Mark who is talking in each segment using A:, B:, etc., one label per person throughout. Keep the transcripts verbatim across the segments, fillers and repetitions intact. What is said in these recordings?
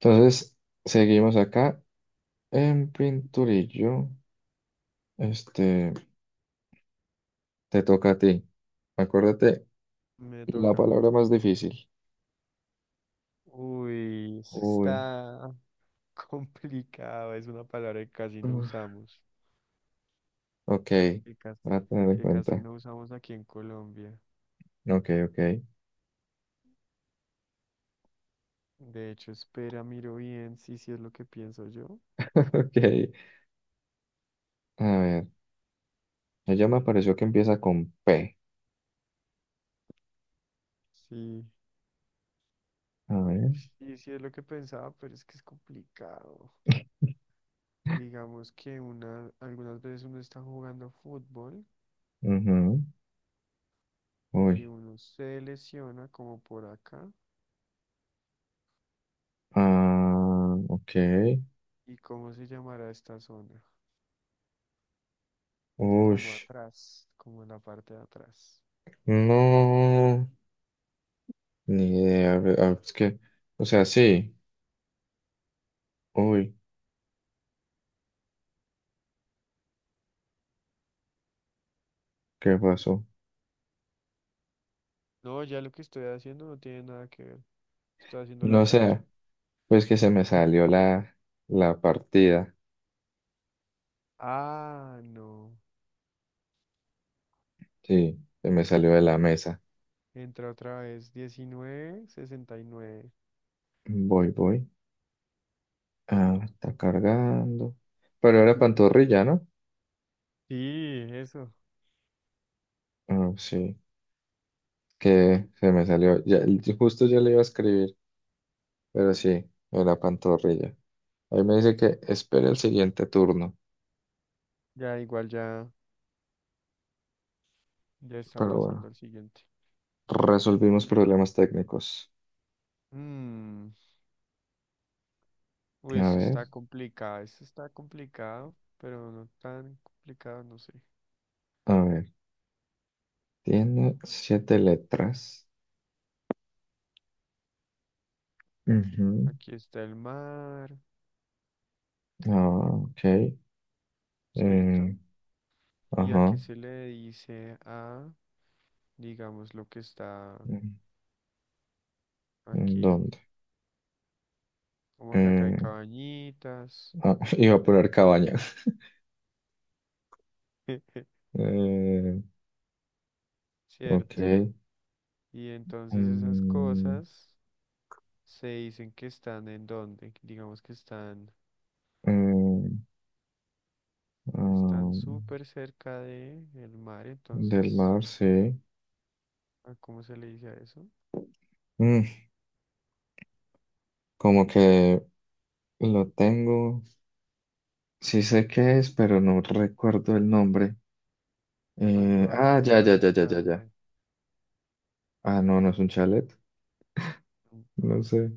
A: Entonces, seguimos acá en Pinturillo. Este, te toca a ti. Acuérdate,
B: Me
A: la
B: toca.
A: palabra más difícil.
B: Uy, eso
A: Uy,
B: está complicado. Es una palabra que casi no
A: uf,
B: usamos.
A: ok,
B: Que casi,
A: voy a tener en
B: que casi
A: cuenta.
B: no usamos aquí en Colombia.
A: Ok, ok,
B: De hecho, espera, miro bien. Sí, sí es lo que pienso yo.
A: ok. A ver, ella me pareció que empieza con P.
B: Sí,
A: A ver,
B: sí, sí es lo que pensaba, pero es que es complicado. Digamos que una, algunas veces uno está jugando fútbol
A: ujú,
B: y
A: uy,
B: uno se lesiona como por acá.
A: ah, ok.
B: ¿Y cómo se llamará esta zona?
A: Uy,
B: Como atrás, como en la parte de atrás.
A: no, ni idea. A ver, ah, es que, o sea, sí. Uy, ¿qué pasó?
B: No, ya lo que estoy haciendo no tiene nada que ver. Estoy haciendo la
A: No
B: cancha.
A: sé. Pues que se me salió la, la partida.
B: Ah, no.
A: Sí, se me salió de la mesa.
B: Entra otra vez. Diecinueve sesenta y nueve.
A: Voy, voy. Ah, está cargando. Pero era pantorrilla, ¿no?
B: Sí, eso.
A: Ah, sí, que se me salió. Ya, justo yo le iba a escribir, pero sí, era pantorrilla. Ahí me dice que espere el siguiente turno.
B: Ya igual ya, ya está
A: Pero
B: pasando
A: bueno,
B: al siguiente.
A: resolvimos problemas técnicos.
B: Mm, uy,
A: A
B: esto
A: ver,
B: está complicado. Esto está complicado, pero no tan complicado, no sé.
A: a ver. Tiene siete letras. Ujú.
B: Aquí está el mar,
A: Ah, ok.
B: ¿cierto?
A: Eh,
B: ¿Y a qué
A: ajá.
B: se le dice a, digamos, lo que está
A: ¿En
B: aquí?
A: ¿Dónde?
B: Como que acá hay
A: Eh,
B: cabañitas.
A: ah, iba a poner cabaña. Eh,
B: Cierto.
A: ok.
B: Y entonces esas
A: Mm,
B: cosas se dicen que están en donde, digamos que están,
A: eh, ah,
B: están súper cerca de el mar,
A: del
B: entonces,
A: mar, sí.
B: ¿a cómo se le dice a eso?
A: Mm, como que lo tengo. Sí sé qué es, pero no recuerdo el nombre. Eh,
B: Cuando
A: ah,
B: algo
A: ya,
B: está
A: ya, ya, ya,
B: cerca
A: ya,
B: del
A: ya.
B: mar.
A: Ah, no, no es un chalet.
B: Mm,
A: No
B: ah.
A: sé.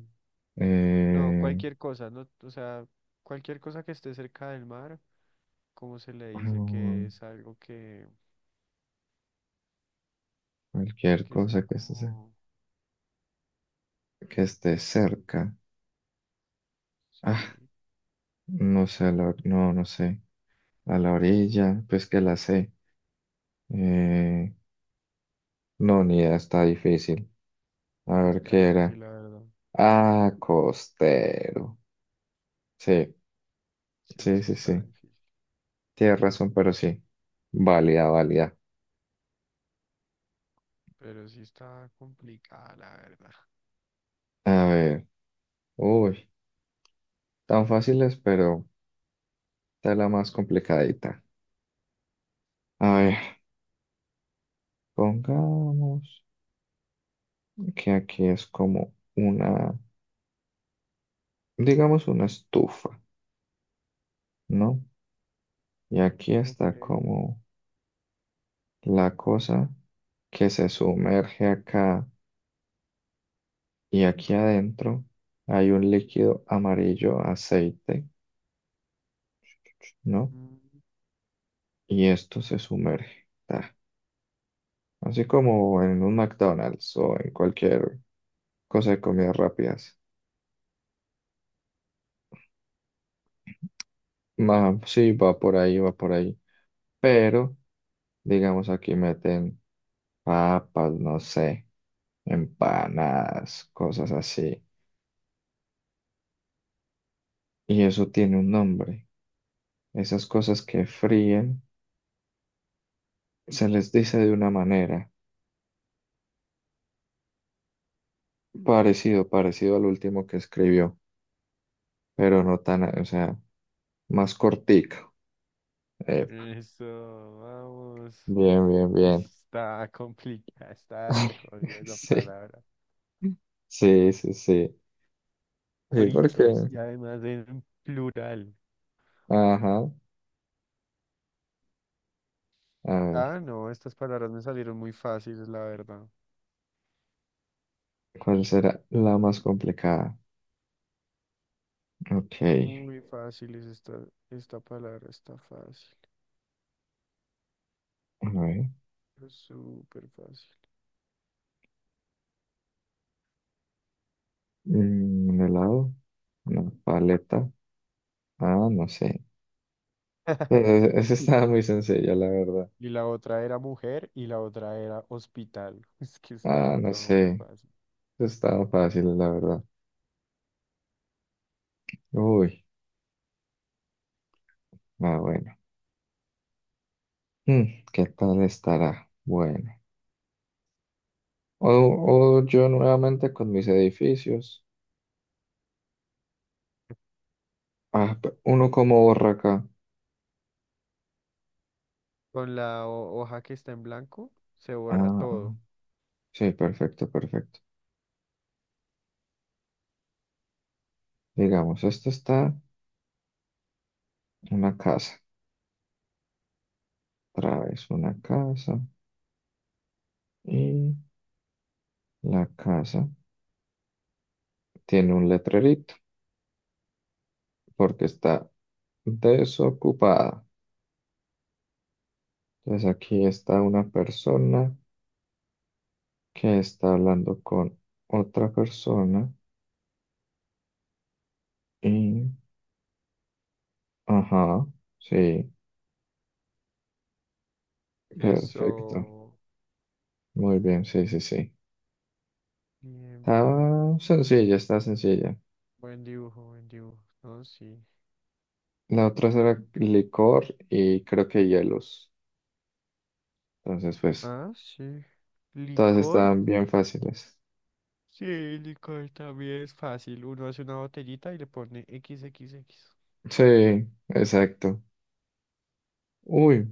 B: No,
A: Eh,
B: cualquier cosa, no, o sea, cualquier cosa que esté cerca del mar, ¿cómo se le dice?
A: ah,
B: Que es algo que,
A: cualquier
B: que está
A: cosa que esté, ce-
B: como,
A: que esté cerca. Ah,
B: sí,
A: no sé, la- no, no sé. A la orilla, pues que la sé. Eh, no, ni idea, está difícil. A ver
B: está
A: qué era.
B: difícil, la verdad.
A: Ah, costero. Sí,
B: Sí,
A: sí,
B: es que
A: sí,
B: está
A: sí.
B: difícil.
A: Tienes razón, pero sí. Válida, válida.
B: Pero sí está complicada, la verdad.
A: A ver. Uy, tan fáciles, pero está la más complicadita. A ver, pongamos que aquí es como una, digamos una estufa, ¿no? Y aquí está
B: Ok.
A: como la cosa que se sumerge acá, y aquí adentro hay un líquido amarillo, aceite, ¿no?
B: Mm.
A: Y esto se sumerge. Ta. Así como en un McDonald's o en cualquier cosa de comidas rápidas. Ma- sí, va por ahí, va por ahí. Pero, digamos, aquí meten papas, no sé, empanadas, cosas así. Y eso tiene un nombre. Esas cosas que fríen se les dice de una manera. Parecido, parecido al último que escribió, pero no tan, o sea, más cortico. Epa,
B: Eso, vamos.
A: bien, bien,
B: Uy,
A: bien.
B: está complicada, está re jodida esa
A: Sí,
B: palabra.
A: sí, sí, sí. Sí,
B: Fritos,
A: porque,
B: y además en plural.
A: ajá, a ver,
B: Ah, no, estas palabras me salieron muy fáciles, la verdad.
A: ¿cuál será la más complicada? Ok, a
B: Muy fáciles esta, esta palabra, está fácil.
A: ver,
B: Es súper fácil.
A: mm, un helado, una paleta, ah, no sé. Eh, Esa estaba muy sencilla, la verdad.
B: Y la otra era mujer y la otra era hospital. Es que
A: Ah,
B: está
A: no
B: todo muy
A: sé,
B: fácil.
A: esa estaba fácil, la verdad. Uy, ah, bueno. Mm, ¿qué tal estará? Bueno. O, o yo nuevamente con mis edificios. Ah, pe- uno como Borracá.
B: Con la ho- hoja que está en blanco, se borra
A: Ah, ah,
B: todo.
A: sí, perfecto, perfecto. Digamos, esto está una casa. Otra vez una casa. Y la casa tiene un letrerito porque está desocupada. Entonces aquí está una persona que está hablando con otra persona. Y, ajá, sí, perfecto.
B: Eso.
A: Muy bien, sí, sí, sí.
B: Bien, bien, bien.
A: Estaba sencilla, está sencilla.
B: Buen dibujo, buen dibujo. No, sí.
A: La otra era licor y creo que hielos. Entonces, pues,
B: Ah, sí.
A: todas
B: Licor.
A: estaban bien fáciles.
B: Sí, licor también es fácil. Uno hace una botellita y le pone equis equis equis.
A: Sí, exacto. Uy,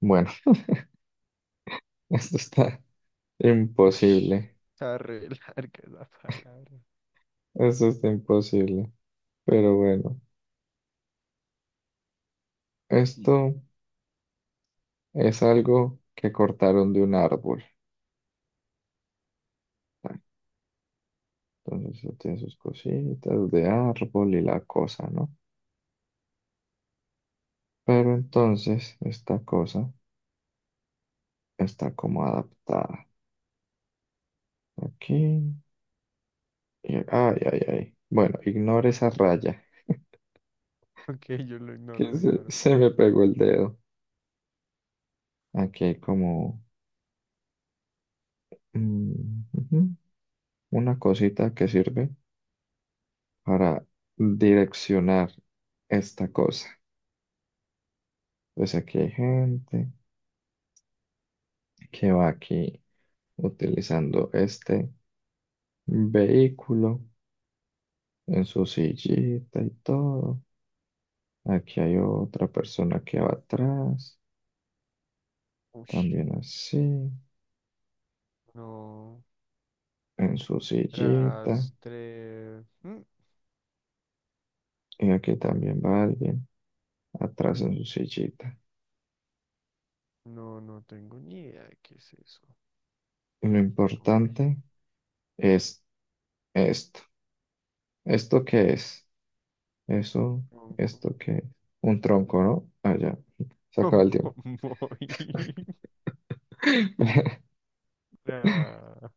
A: bueno, esto está
B: Uy,
A: imposible.
B: está re larga la palabra.
A: Esto está imposible. Pero bueno, esto es algo que cortaron de un árbol. Ah, entonces, eso tiene sus cositas de árbol y la cosa, ¿no? Pero entonces, esta cosa está como adaptada aquí. Y- ay, ay, ay. Bueno, ignore esa raya.
B: Ok, yo lo ignoro,
A: Que
B: lo
A: se,
B: ignoro.
A: se me pegó el dedo. Aquí hay como mm, ujú, una cosita que sirve para direccionar esta cosa. Pues aquí hay gente que va aquí utilizando este vehículo en su sillita y todo. Aquí hay otra persona que va atrás.
B: Uy,
A: También así,
B: no.
A: en su sillita,
B: Rastre. Mm.
A: y aquí también va alguien atrás en su sillita.
B: No, no tengo ni idea de qué es eso.
A: Y lo
B: Está muy
A: importante
B: difícil.
A: es esto. ¿Esto qué es? Eso,
B: Tronco.
A: ¿esto qué es? Un tronco, ¿no? Ah, ya, se acaba el
B: Tronco
A: tiempo.
B: móvil. Nah.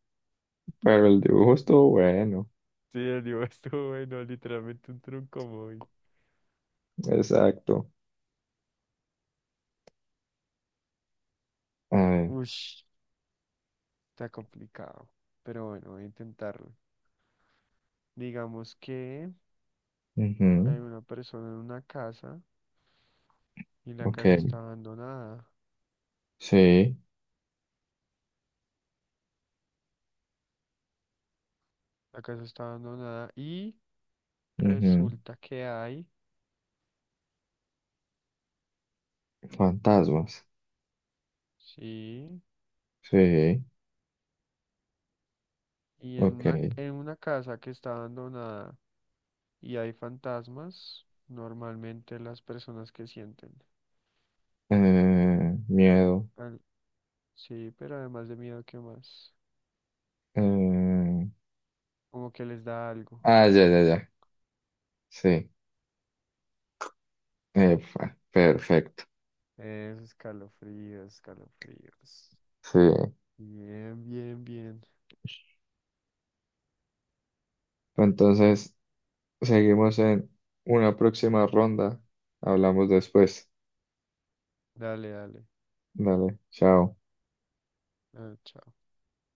A: Pero el dibujo estuvo bueno,
B: Sí, el libro estuvo bueno, literalmente un tronco móvil.
A: exacto. A ver,
B: Ush, está complicado. Pero bueno, voy a intentarlo. Digamos que
A: ujú,
B: hay una persona en una casa y la
A: ok,
B: casa está abandonada.
A: sí,
B: La casa está abandonada y
A: ujú.
B: resulta que hay,
A: Fantasmas,
B: sí,
A: sí,
B: y en
A: ok.
B: una, en una casa que está abandonada y hay fantasmas, normalmente las personas que sienten.
A: Eh, miedo.
B: Al- sí, pero además de miedo, ¿qué más?
A: eh,
B: Como que les da algo.
A: Ah, ya, ya, ya. Sí, epa, perfecto.
B: Eso, escalofríos, escalofríos.
A: Sí.
B: Bien, bien, bien.
A: Entonces, seguimos en una próxima ronda. Hablamos después.
B: Dale, dale.
A: Dale, chao.
B: Ah, chao.